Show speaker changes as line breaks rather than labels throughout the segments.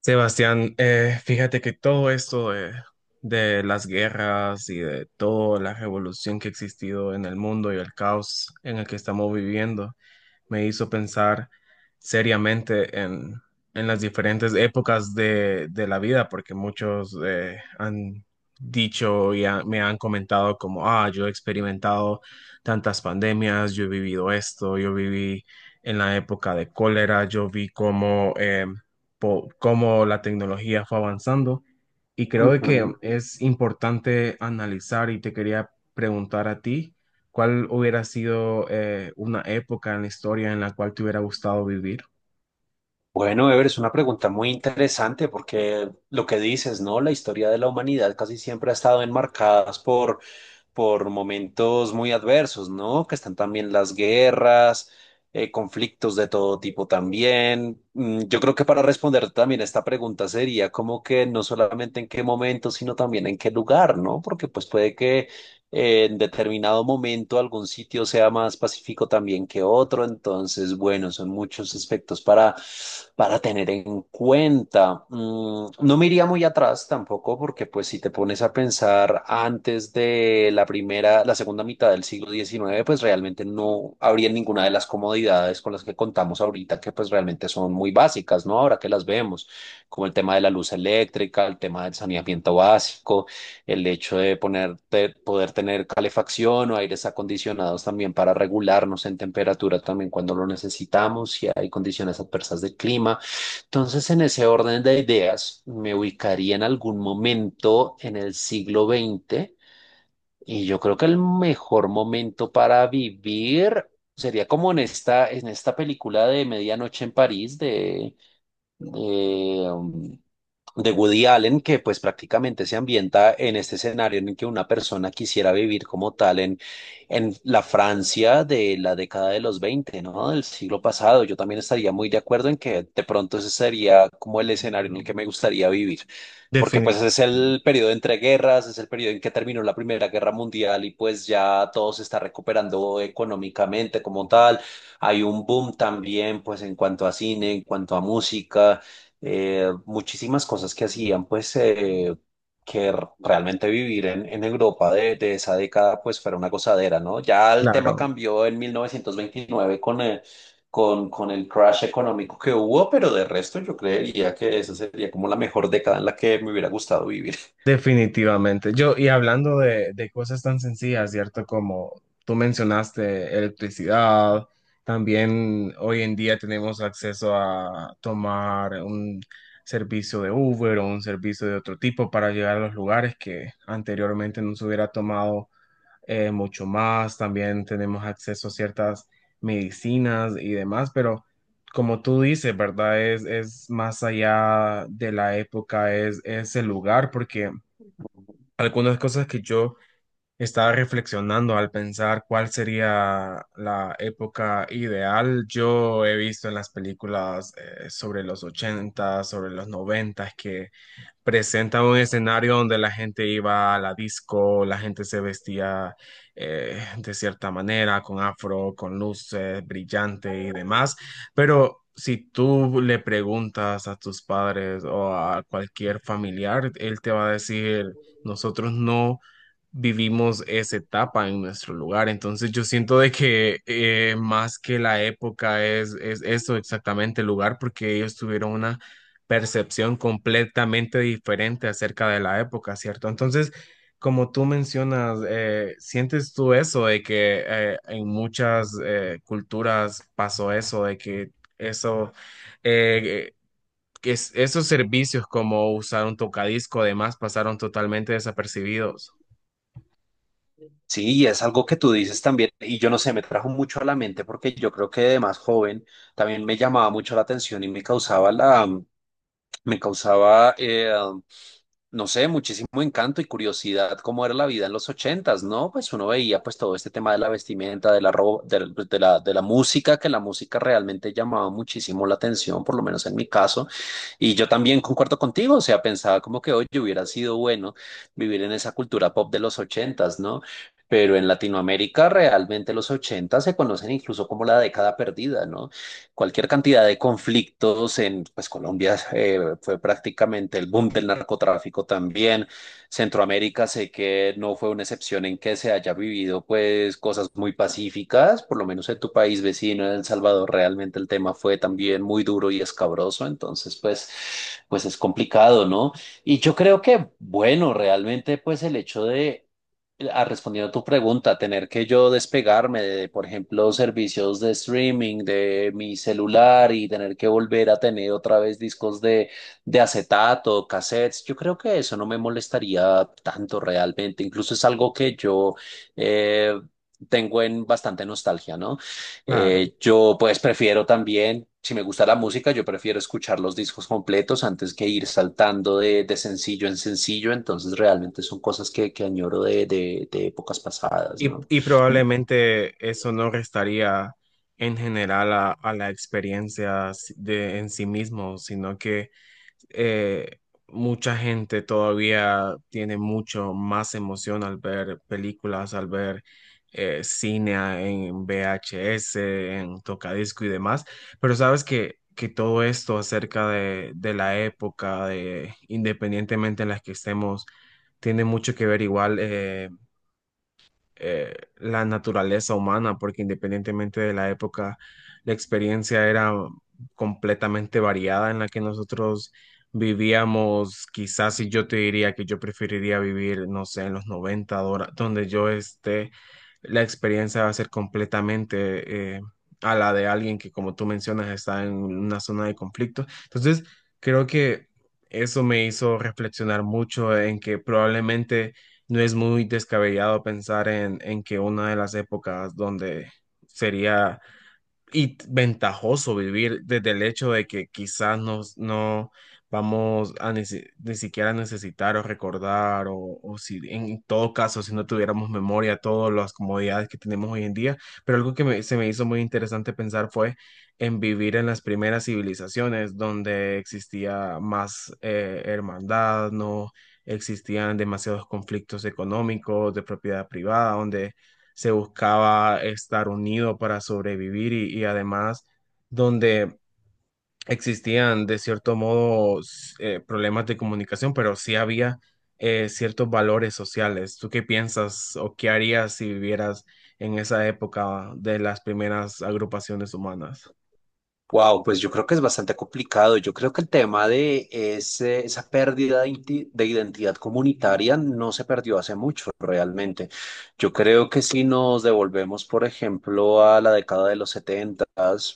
Sebastián, fíjate que todo esto de las guerras y de toda la revolución que ha existido en el mundo y el caos en el que estamos viviendo, me hizo pensar seriamente en las diferentes épocas de la vida, porque muchos han me han comentado como, ah, yo he experimentado tantas pandemias, yo he vivido esto, yo viví en la época de cólera, yo vi cómo, cómo la tecnología fue avanzando y creo que
Ujú.
es importante analizar y te quería preguntar a ti. ¿Cuál hubiera sido una época en la historia en la cual te hubiera gustado vivir?
Bueno, Ever, es una pregunta muy interesante porque lo que dices, ¿no? La historia de la humanidad casi siempre ha estado enmarcadas por momentos muy adversos, ¿no? Que están también las guerras, conflictos de todo tipo también. Yo creo que para responder también esta pregunta sería como que no solamente en qué momento, sino también en qué lugar, ¿no? Porque pues puede que en determinado momento algún sitio sea más pacífico también que otro. Entonces, bueno, son muchos aspectos para tener en cuenta. No me iría muy atrás tampoco, porque pues si te pones a pensar antes de la primera, la segunda mitad del siglo XIX, pues realmente no habría ninguna de las comodidades con las que contamos ahorita, que pues realmente son muy básicas, ¿no? Ahora que las vemos, como el tema de la luz eléctrica, el tema del saneamiento básico, el hecho de ponerte, poder tener calefacción o aires acondicionados también para regularnos en temperatura también cuando lo necesitamos, si hay condiciones adversas de clima. Entonces, en ese orden de ideas, me ubicaría en algún momento en el siglo XX y yo creo que el mejor momento para vivir sería como en esta película de Medianoche en París de, de Woody Allen, que pues prácticamente se ambienta en este escenario en el que una persona quisiera vivir como tal en la Francia de la década de los 20, ¿no? Del siglo pasado. Yo también estaría muy de acuerdo en que de pronto ese sería como el escenario en el que me gustaría vivir. Porque
Definitivamente,
pues es el periodo entre guerras, es el periodo en que terminó la Primera Guerra Mundial y pues ya todo se está recuperando económicamente como tal. Hay un boom también pues en cuanto a cine, en cuanto a música, muchísimas cosas que hacían, pues, que realmente vivir en Europa de esa década, pues, fuera una gozadera, ¿no? Ya el tema
claro,
cambió en 1929 con el crash económico que hubo, pero de resto yo creería que esa sería como la mejor década en la que me hubiera gustado vivir.
definitivamente. Yo, y hablando de cosas tan sencillas, ¿cierto? Como tú mencionaste, electricidad, también hoy en día tenemos acceso a tomar un servicio de Uber o un servicio de otro tipo para llegar a los lugares que anteriormente no se hubiera tomado mucho más, también tenemos acceso a ciertas medicinas y demás, pero como tú dices, ¿verdad? Es más allá de la época, es el lugar, porque algunas cosas que yo estaba reflexionando al pensar cuál sería la época ideal, yo he visto en las películas sobre los 80 sobre los 90 que presenta un escenario donde la gente iba a la disco, la gente se vestía de cierta manera, con afro, con luces brillante y demás. Pero si tú le preguntas a tus padres o a cualquier familiar, él te va a decir, nosotros no vivimos esa etapa en nuestro lugar. Entonces yo siento de que más que la época es eso exactamente el lugar, porque ellos tuvieron una percepción completamente diferente acerca de la época, ¿cierto? Entonces, como tú mencionas, ¿sientes tú eso de que en muchas culturas pasó eso, de que eso, eh, esos servicios como usar un tocadisco, además, pasaron totalmente desapercibidos?
Sí, y es algo que tú dices también, y yo no sé, me trajo mucho a la mente porque yo creo que de más joven también me llamaba mucho la atención y me causaba la, me causaba, no sé, muchísimo encanto y curiosidad cómo era la vida en los ochentas, ¿no? Pues uno veía pues todo este tema de la vestimenta, de la, de la música, que la música realmente llamaba muchísimo la atención, por lo menos en mi caso. Y yo también concuerdo contigo, o sea, pensaba como que, oye, hubiera sido bueno vivir en esa cultura pop de los ochentas, ¿no? Pero en Latinoamérica realmente los ochentas se conocen incluso como la década perdida, ¿no? Cualquier cantidad de conflictos en pues, Colombia, fue prácticamente el boom del narcotráfico también. Centroamérica sé que no fue una excepción en que se haya vivido pues cosas muy pacíficas, por lo menos en tu país vecino, en El Salvador, realmente el tema fue también muy duro y escabroso, entonces pues, pues es complicado, ¿no? Y yo creo que, bueno, realmente pues el hecho de, ah, respondiendo a tu pregunta, tener que yo despegarme de, por ejemplo, servicios de streaming de mi celular y tener que volver a tener otra vez discos de acetato, cassettes, yo creo que eso no me molestaría tanto realmente. Incluso es algo que yo, eh, tengo en bastante nostalgia, ¿no?
Claro.
Yo pues prefiero también, si me gusta la música, yo prefiero escuchar los discos completos antes que ir saltando de sencillo en sencillo, entonces realmente son cosas que añoro de épocas pasadas,
Y,
¿no?
y
Mm.
probablemente eso no restaría en general a la experiencia en sí mismo, sino que eh, mucha gente todavía tiene mucho más emoción al ver películas, al ver cine en VHS, en tocadisco y demás. Pero sabes que todo esto acerca de la época, de, independientemente en la que estemos, tiene mucho que ver igual. La naturaleza humana, porque independientemente de la época, la experiencia era completamente variada en la que nosotros vivíamos. Quizás si yo te diría que yo preferiría vivir, no sé, en los donde yo esté, la experiencia va a ser completamente a la de alguien que, como tú mencionas, está en una zona de conflicto. Entonces, creo que... Eso me hizo reflexionar mucho en que probablemente no es muy descabellado pensar en que una de las épocas donde sería y ventajoso vivir desde el hecho de que quizás no vamos a ni siquiera necesitar o recordar o si en todo caso si no tuviéramos memoria todas las comodidades que tenemos hoy en día, pero algo que se me hizo muy interesante pensar fue en vivir en las primeras civilizaciones donde existía más hermandad, no existían demasiados conflictos económicos de propiedad privada, donde se buscaba estar unido para sobrevivir y además donde existían de cierto modo problemas de comunicación, pero sí había ciertos valores sociales. ¿Tú qué piensas o qué harías si vivieras en esa época de las primeras agrupaciones humanas?
Wow, pues yo creo que es bastante complicado. Yo creo que el tema de esa pérdida de, de identidad comunitaria no se perdió hace mucho realmente. Yo creo que si nos devolvemos, por ejemplo, a la década de los 70,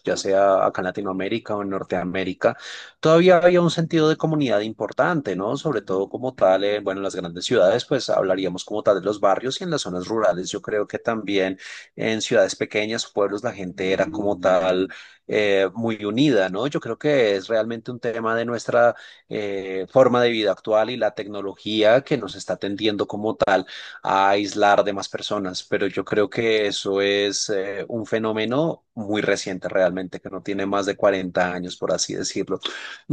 ya sea acá en Latinoamérica o en Norteamérica, todavía había un sentido de comunidad importante, ¿no? Sobre todo como tal, bueno, en las grandes ciudades, pues hablaríamos como tal de los barrios y en las zonas rurales. Yo creo que también en ciudades pequeñas, pueblos, la gente era como tal, muy unida, ¿no? Yo creo que es realmente un tema de nuestra, forma de vida actual y la tecnología que nos está tendiendo como tal a aislar de más personas, pero yo creo que eso es, un fenómeno muy reciente realmente, que no tiene más de 40 años, por así decirlo.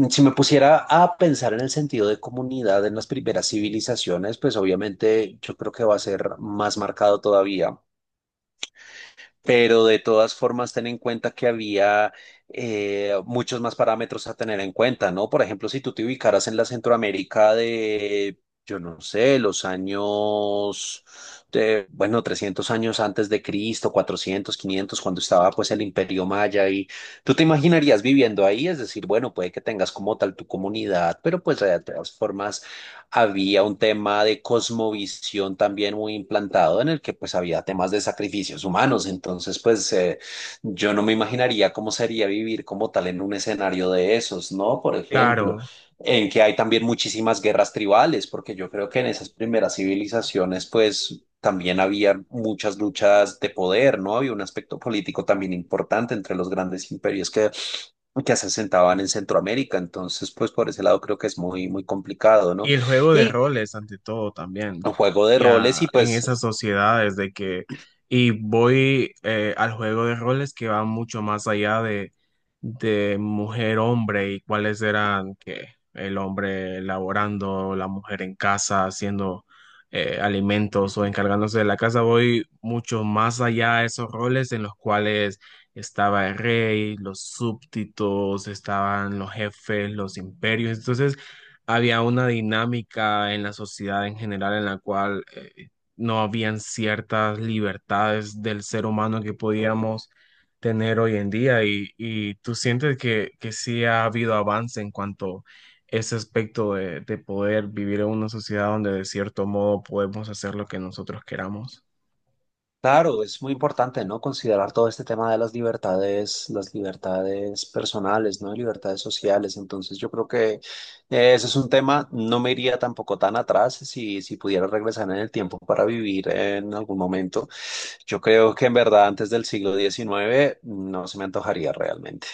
Si me pusiera a pensar en el sentido de comunidad en las primeras civilizaciones, pues obviamente yo creo que va a ser más marcado todavía, pero de todas formas ten en cuenta que había, muchos más parámetros a tener en cuenta, ¿no? Por ejemplo, si tú te ubicaras en la Centroamérica de, yo no sé, los años, de, bueno, 300 años antes de Cristo, 400, 500, cuando estaba pues el Imperio Maya y tú te imaginarías viviendo ahí, es decir, bueno, puede que tengas como tal tu comunidad, pero pues de todas formas había un tema de cosmovisión también muy implantado en el que pues había temas de sacrificios humanos. Entonces pues, yo no me imaginaría cómo sería vivir como tal en un escenario de esos, ¿no? Por ejemplo,
Claro.
en que hay también muchísimas guerras tribales, porque yo creo que en esas primeras civilizaciones pues también había muchas luchas de poder, ¿no? Había un aspecto político también importante entre los grandes imperios que se asentaban en Centroamérica. Entonces, pues por ese lado creo que es muy, muy complicado, ¿no?
Y el juego de
Y
roles, ante todo, también.
un juego de roles
Ya
y
en
pues...
esas sociedades de que, y voy al juego de roles que va mucho más allá de mujer-hombre y cuáles eran que el hombre laborando, la mujer en casa, haciendo alimentos o encargándose de la casa. Voy mucho más allá de esos roles en los cuales estaba el rey, los súbditos, estaban los jefes, los imperios. Entonces, había una dinámica en la sociedad en general en la cual no habían ciertas libertades del ser humano que podíamos tener hoy en día y tú sientes que sí ha habido avance en cuanto a ese aspecto de poder vivir en una sociedad donde de cierto modo podemos hacer lo que nosotros queramos.
Claro, es muy importante, ¿no? Considerar todo este tema de las libertades personales, ¿no? Libertades sociales. Entonces, yo creo que, ese es un tema, no me iría tampoco tan atrás si, si pudiera regresar en el tiempo para vivir en algún momento. Yo creo que en verdad antes del siglo XIX no se me antojaría realmente.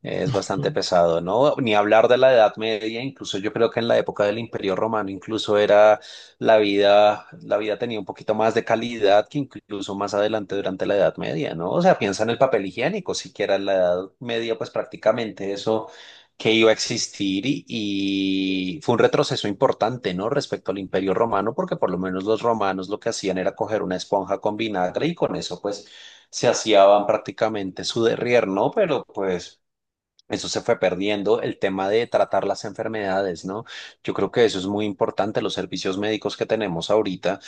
Es bastante pesado, ¿no? Ni hablar de la Edad Media, incluso yo creo que en la época del Imperio Romano, incluso era la vida tenía un poquito más de calidad que incluso más adelante durante la Edad Media, ¿no? O sea, piensa en el papel higiénico, siquiera en la Edad Media, pues prácticamente eso que iba a existir y fue un retroceso importante, ¿no? Respecto al Imperio Romano, porque por lo menos los romanos lo que hacían era coger una esponja con vinagre y con eso, pues se hacían prácticamente su derrier, ¿no? Pero pues eso se fue perdiendo, el tema de tratar las enfermedades, ¿no? Yo creo que eso es muy importante, los servicios médicos que tenemos ahorita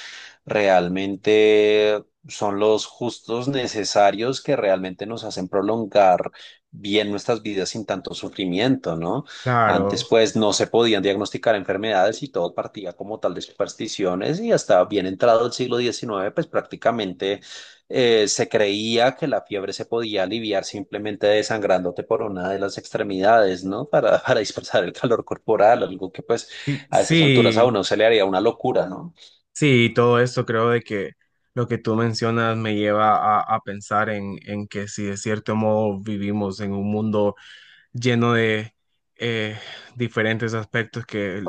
realmente son los justos necesarios que realmente nos hacen prolongar bien nuestras vidas sin tanto sufrimiento, ¿no?
Claro,
Antes pues no se podían diagnosticar enfermedades y todo partía como tal de supersticiones y hasta bien entrado el siglo XIX pues prácticamente, se creía que la fiebre se podía aliviar simplemente desangrándote por una de las extremidades, ¿no? Para, para dispersar el calor corporal, algo que pues
sí,
a esas alturas a
sí,
uno se le haría una locura, ¿no?
sí, todo eso creo de que lo que tú mencionas me lleva a pensar en que si de cierto modo vivimos en un mundo lleno de eh, diferentes aspectos que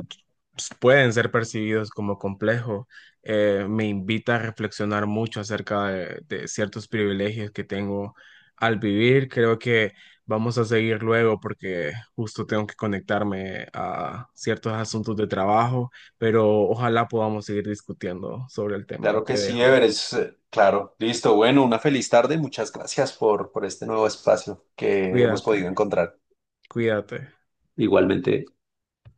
pueden ser percibidos como complejos, me invita a reflexionar mucho acerca de ciertos privilegios que tengo al vivir. Creo que vamos a seguir luego porque justo tengo que conectarme a ciertos asuntos de trabajo, pero ojalá podamos seguir discutiendo sobre el tema.
Claro que
Te
sí, Ever,
dejo.
es claro. Listo, bueno, una feliz tarde. Muchas gracias por este nuevo espacio que hemos podido
Cuídate,
encontrar.
cuídate.
Igualmente.